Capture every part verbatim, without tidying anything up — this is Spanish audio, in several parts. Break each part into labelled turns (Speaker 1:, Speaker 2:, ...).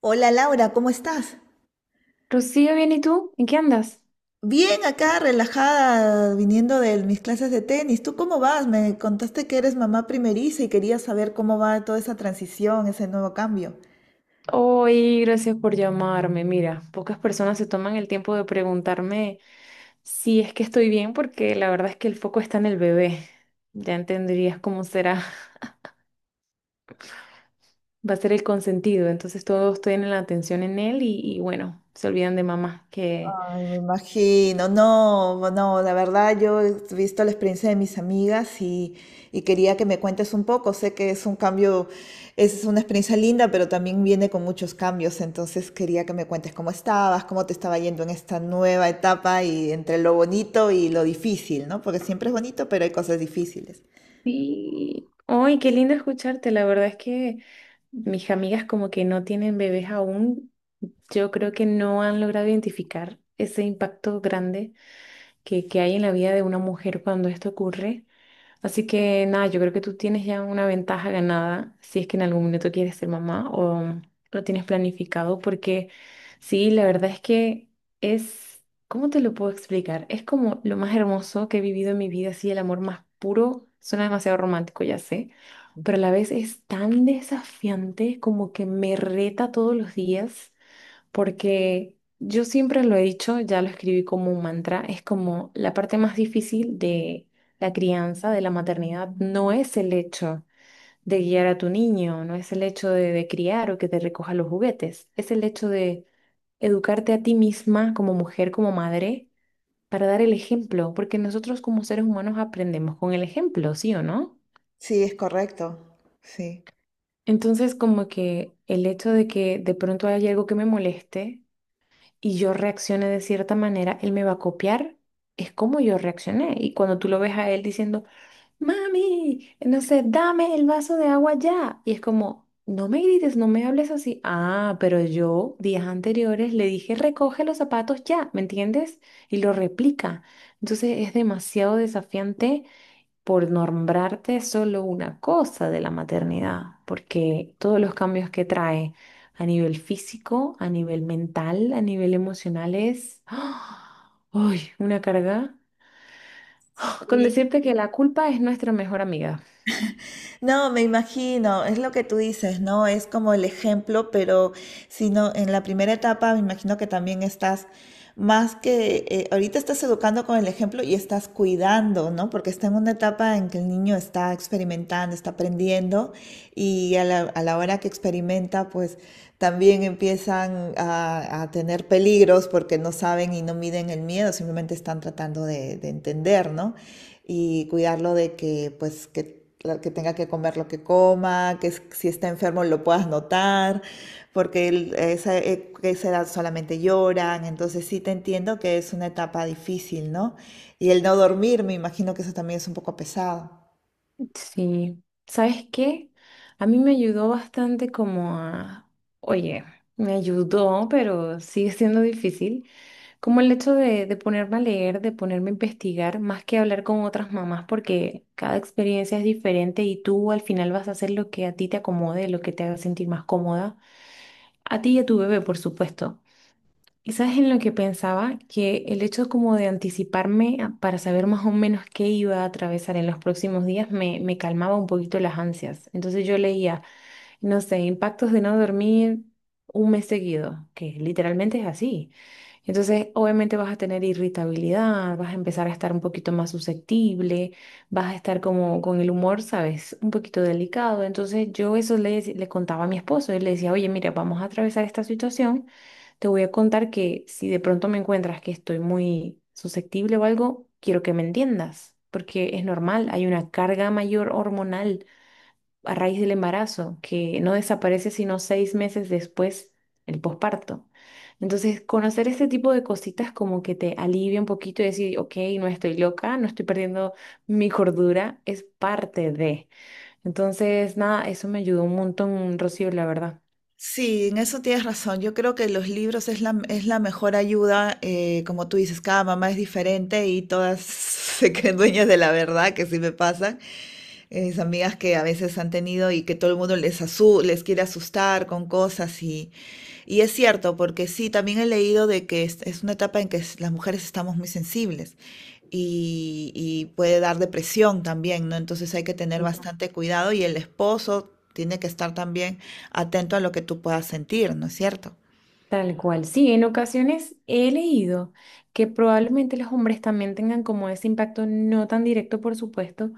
Speaker 1: Hola Laura, ¿cómo estás?
Speaker 2: Rocío, bien, ¿y tú? ¿En qué andas?
Speaker 1: Bien, acá relajada, viniendo de mis clases de tenis. ¿Tú cómo vas? Me contaste que eres mamá primeriza y quería saber cómo va toda esa transición, ese nuevo cambio.
Speaker 2: Hoy, gracias por llamarme. Mira, pocas personas se toman el tiempo de preguntarme si es que estoy bien, porque la verdad es que el foco está en el bebé. Ya entenderías cómo será, va a ser el consentido. Entonces todos tienen la atención en él y, y bueno, se olvidan de mamá. Que
Speaker 1: Ay, me imagino, no, no, la verdad yo he visto la experiencia de mis amigas y, y quería que me cuentes un poco. Sé que es un cambio, es una experiencia linda, pero también viene con muchos cambios, entonces quería que me cuentes cómo estabas, cómo te estaba yendo en esta nueva etapa y entre lo bonito y lo difícil, ¿no? Porque siempre es bonito, pero hay cosas difíciles.
Speaker 2: sí. Ay, qué lindo escucharte. La verdad es que mis amigas como que no tienen bebés aún. Yo creo que no han logrado identificar ese impacto grande que, que hay en la vida de una mujer cuando esto ocurre. Así que nada, yo creo que tú tienes ya una ventaja ganada si es que en algún minuto quieres ser mamá o lo tienes planificado, porque sí, la verdad es que es, ¿cómo te lo puedo explicar? Es como lo más hermoso que he vivido en mi vida, así el amor más puro, suena demasiado romántico, ya sé, pero a la vez es tan desafiante como que me reta todos los días porque yo siempre lo he dicho, ya lo escribí como un mantra, es como la parte más difícil de la crianza, de la maternidad, no es el hecho de guiar a tu niño, no es el hecho de, de criar o que te recoja los juguetes, es el hecho de educarte a ti misma como mujer, como madre, para dar el ejemplo, porque nosotros como seres humanos aprendemos con el ejemplo, ¿sí o no?
Speaker 1: Sí, es correcto, sí.
Speaker 2: Entonces, como que el hecho de que de pronto haya algo que me moleste, y yo reaccione de cierta manera, él me va a copiar. Es como yo reaccioné. Y cuando tú lo ves a él diciendo, mami, no sé, dame el vaso de agua ya. Y es como, no me grites, no me hables así. Ah, pero yo días anteriores le dije, recoge los zapatos ya, ¿me entiendes? Y lo replica. Entonces es demasiado desafiante por nombrarte solo una cosa de la maternidad, porque todos los cambios que trae a nivel físico, a nivel mental, a nivel emocional es, ¡ah! ¡Ay! Una carga. Con decirte que la culpa es nuestra mejor amiga.
Speaker 1: No, me imagino, es lo que tú dices, ¿no? Es como el ejemplo, pero si no, en la primera etapa me imagino que también estás más que eh, ahorita estás educando con el ejemplo y estás cuidando, ¿no? Porque está en una etapa en que el niño está experimentando, está aprendiendo y a la, a la hora que experimenta, pues también empiezan a, a tener peligros porque no saben y no miden el miedo, simplemente están tratando de, de entender, ¿no? Y cuidarlo de que, pues, que, que tenga que comer lo que coma, que si está enfermo lo puedas notar, porque él, esa, esa edad solamente lloran, entonces sí te entiendo que es una etapa difícil, ¿no? Y el no dormir, me imagino que eso también es un poco pesado.
Speaker 2: Sí, ¿sabes qué? A mí me ayudó bastante como a, oye, me ayudó, pero sigue siendo difícil. Como el hecho de, de ponerme a leer, de ponerme a investigar, más que hablar con otras mamás, porque cada experiencia es diferente y tú al final vas a hacer lo que a ti te acomode, lo que te haga sentir más cómoda, a ti y a tu bebé, por supuesto. Y sabes en lo que pensaba, que el hecho como de anticiparme a- para saber más o menos qué iba a atravesar en los próximos días me, me calmaba un poquito las ansias. Entonces yo leía, no sé, impactos de no dormir un mes seguido, que literalmente es así. Entonces, obviamente vas a tener irritabilidad, vas a empezar a estar un poquito más susceptible, vas a estar como con el humor, ¿sabes? Un poquito delicado. Entonces, yo eso le, dec- le contaba a mi esposo. Él le decía, oye, mira, vamos a atravesar esta situación. Te voy a contar que si de pronto me encuentras que estoy muy susceptible o algo, quiero que me entiendas, porque es normal, hay una carga mayor hormonal a raíz del embarazo, que no desaparece sino seis meses después el posparto. Entonces, conocer este tipo de cositas como que te alivia un poquito y decir, ok, no estoy loca, no estoy perdiendo mi cordura, es parte de. Entonces, nada, eso me ayudó un montón, Rocío, la verdad.
Speaker 1: Sí, en eso tienes razón. Yo creo que los libros es la, es la mejor ayuda. Eh, como tú dices, cada mamá es diferente y todas se creen dueñas de la verdad, que sí me pasa. Eh, mis amigas que a veces han tenido y que todo el mundo les, asu- les quiere asustar con cosas y, y es cierto, porque sí, también he leído de que es, es una etapa en que es- las mujeres estamos muy sensibles y, y puede dar depresión también, ¿no? Entonces hay que tener
Speaker 2: Sí.
Speaker 1: bastante cuidado y el esposo. Tiene que estar también atento a lo que tú puedas sentir, ¿no es cierto?
Speaker 2: Tal cual. Sí, en ocasiones he leído que probablemente los hombres también tengan como ese impacto, no tan directo, por supuesto,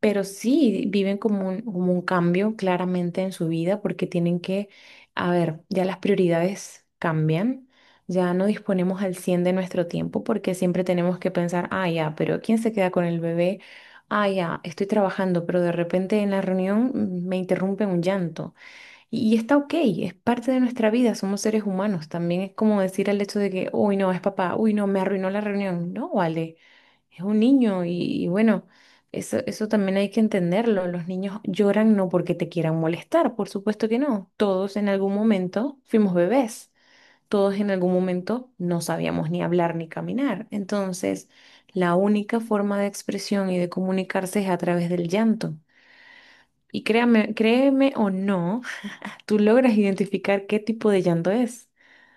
Speaker 2: pero sí, viven como un, como un cambio claramente en su vida porque tienen que, a ver, ya las prioridades cambian, ya no disponemos al cien de nuestro tiempo porque siempre tenemos que pensar, ah, ya, pero ¿quién se queda con el bebé? Ah, ya, estoy trabajando, pero de repente en la reunión mm, me interrumpe un llanto. Y, y está ok, es parte de nuestra vida, somos seres humanos. También es como decir al hecho de que, uy, no, es papá, uy, no, me arruinó la reunión. No, vale. Es un niño y, y bueno, eso, eso también hay que entenderlo. Los niños lloran no porque te quieran molestar, por supuesto que no. Todos en algún momento fuimos bebés, todos en algún momento no sabíamos ni hablar ni caminar. Entonces, la única forma de expresión y de comunicarse es a través del llanto. Y créame, créeme o no, tú logras identificar qué tipo de llanto es,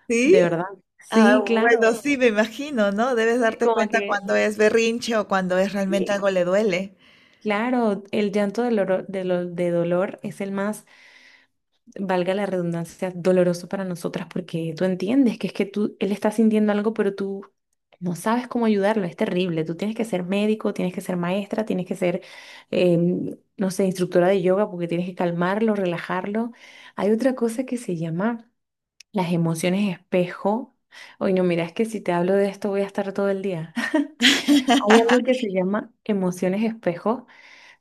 Speaker 1: ¿Sí?
Speaker 2: de verdad.
Speaker 1: Ah,
Speaker 2: Sí,
Speaker 1: bueno,
Speaker 2: claro.
Speaker 1: sí, me imagino, ¿no? Debes
Speaker 2: Es
Speaker 1: darte
Speaker 2: como
Speaker 1: cuenta
Speaker 2: que,
Speaker 1: cuando es berrinche o cuando es realmente
Speaker 2: sí,
Speaker 1: algo le duele.
Speaker 2: claro, el llanto de dolor, de, lo- de dolor es el más, valga la redundancia, doloroso para nosotras porque tú entiendes que es que tú, él está sintiendo algo, pero tú no sabes cómo ayudarlo, es terrible. Tú tienes que ser médico, tienes que ser maestra, tienes que ser, em, no sé, instructora de yoga porque tienes que calmarlo, relajarlo. Hay otra cosa que se llama las emociones espejo. Oye, no, mira, es que si te hablo de esto voy a estar todo el día. Hay algo que se llama emociones espejo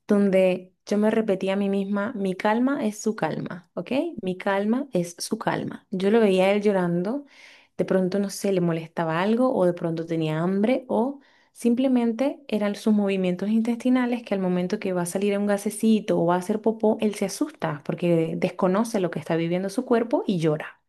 Speaker 2: donde yo me repetía a mí misma, mi calma es su calma, ¿ok? Mi calma es su calma. Yo lo veía a él llorando, de pronto, no sé, le molestaba algo o de pronto tenía hambre o simplemente eran sus movimientos intestinales que al momento que va a salir un gasecito o va a hacer popó, él se asusta porque desconoce lo que está viviendo su cuerpo y llora.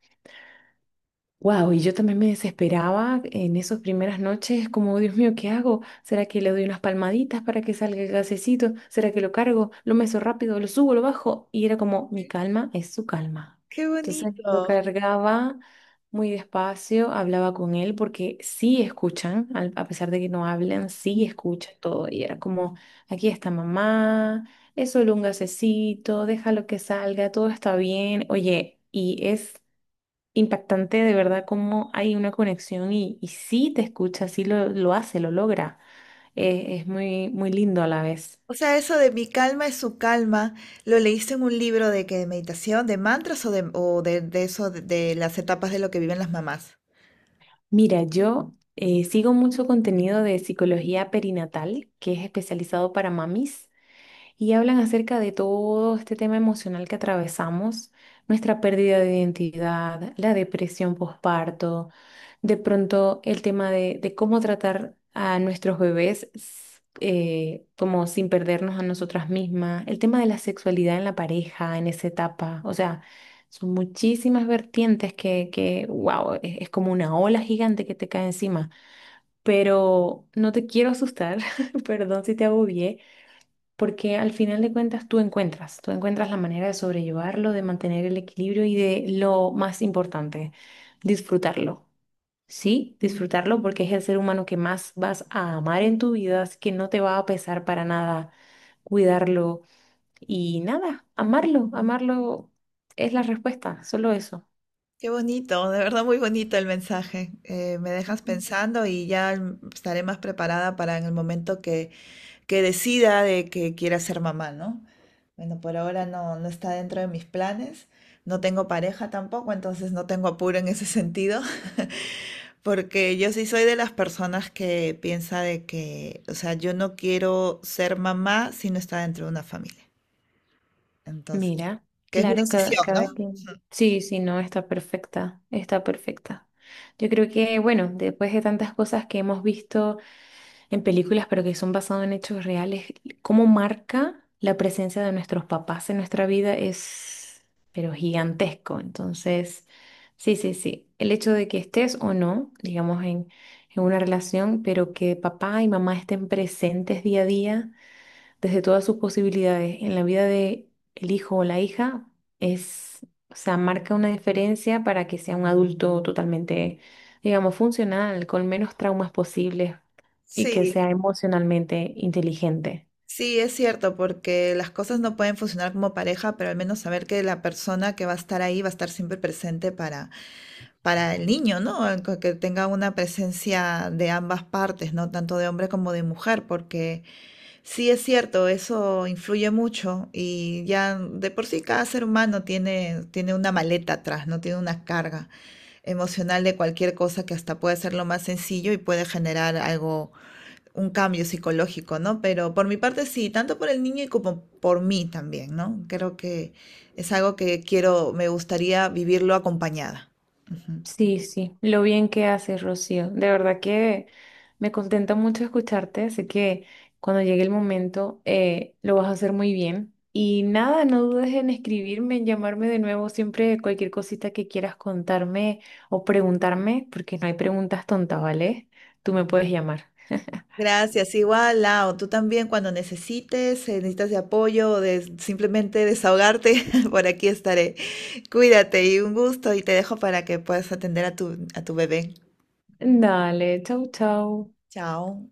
Speaker 2: Wow, y yo también me desesperaba en esas primeras noches, como Dios mío, ¿qué hago? ¿Será que le doy unas palmaditas para que salga el gasecito? ¿Será que lo cargo? ¿Lo meso rápido? ¿Lo subo? ¿Lo bajo? Y era como, mi calma es su calma.
Speaker 1: Qué
Speaker 2: Entonces lo
Speaker 1: bonito.
Speaker 2: cargaba muy despacio, hablaba con él porque sí escuchan, al- a pesar de que no hablan, sí escuchan todo. Y era como, aquí está mamá, es solo un gasecito, déjalo que salga, todo está bien. Oye, y es impactante de verdad cómo hay una conexión y, y sí te escucha, sí lo, lo hace, lo logra. Eh, es muy, muy lindo a la vez.
Speaker 1: O sea, eso de mi calma es su calma, ¿lo leíste en un libro de que de meditación, de mantras o de, o de, de eso, de, de las etapas de lo que viven las mamás?
Speaker 2: Mira, yo eh, sigo mucho contenido de psicología perinatal, que es especializado para mamis. Y hablan acerca de todo este tema emocional que atravesamos, nuestra pérdida de identidad, la depresión postparto, de pronto el tema de, de cómo tratar a nuestros bebés s- eh, como sin perdernos a nosotras mismas, el tema de la sexualidad en la pareja, en esa etapa, o sea, son muchísimas vertientes que, que wow, es es como una ola gigante que te cae encima. Pero no te quiero asustar, perdón si te agobié, porque al final de cuentas tú encuentras, tú encuentras la manera de sobrellevarlo, de mantener el equilibrio y de lo más importante, disfrutarlo. Sí, disfrutarlo porque es el ser humano que más vas a amar en tu vida, así que no te va a pesar para nada cuidarlo y nada, amarlo, amarlo es la respuesta, solo eso.
Speaker 1: Qué bonito, de verdad muy bonito el mensaje. Eh, me dejas
Speaker 2: Ujú.
Speaker 1: pensando y ya mm, estaré más preparada para en el momento que que decida de que quiera ser mamá, ¿no? Bueno, por ahora no, no está dentro de mis planes. No tengo pareja tampoco, entonces no tengo apuro en ese sentido, porque yo sí soy de las personas que piensa de que, o sea, yo no quiero ser mamá si no está dentro de una familia. Entonces,
Speaker 2: Mira,
Speaker 1: que es mi
Speaker 2: claro, cada,
Speaker 1: decisión, ¿no?
Speaker 2: cada quien. Sí, sí, no, está perfecta, está perfecta. Yo creo que, bueno, después de tantas cosas que hemos visto en películas, pero que son basados en hechos reales, cómo marca la presencia de nuestros papás en nuestra vida es, pero gigantesco. Entonces, sí, sí, sí. El hecho de que estés o no, digamos, en, en una relación, pero que papá y mamá estén presentes día a día desde todas sus posibilidades en la vida de el hijo o la hija es, o sea, marca una diferencia para que sea un adulto totalmente, digamos, funcional, con menos traumas posibles y que
Speaker 1: Sí,
Speaker 2: sea emocionalmente inteligente.
Speaker 1: sí, es cierto, porque las cosas no pueden funcionar como pareja, pero al menos saber que la persona que va a estar ahí va a estar siempre presente para, para el niño, ¿no? El Que que tenga una presencia de ambas partes, ¿no? Tanto de hombre como de mujer, porque sí es cierto, eso influye mucho y ya de por sí cada ser humano tiene, tiene una maleta atrás, ¿no? Tiene una carga emocional de cualquier cosa que hasta puede ser lo más sencillo y puede generar algo un cambio psicológico, ¿no? Pero por mi parte sí, tanto por el niño y como por mí también, ¿no? Creo que es algo que quiero, me gustaría vivirlo acompañada. Ujú.
Speaker 2: Sí, sí, lo bien que haces, Rocío. De verdad que me contenta mucho escucharte. Así que cuando llegue el momento eh, lo vas a hacer muy bien. Y nada, no dudes en escribirme, en llamarme de nuevo siempre cualquier cosita que quieras contarme o preguntarme, porque no hay preguntas tontas, ¿vale? Tú me puedes llamar.
Speaker 1: Gracias, igual, Lau, tú también cuando necesites, eh, necesitas de apoyo o de simplemente desahogarte, por aquí estaré. Cuídate y un gusto y te dejo para que puedas atender a tu, a tu bebé.
Speaker 2: Dale, chau, chau.
Speaker 1: Chao.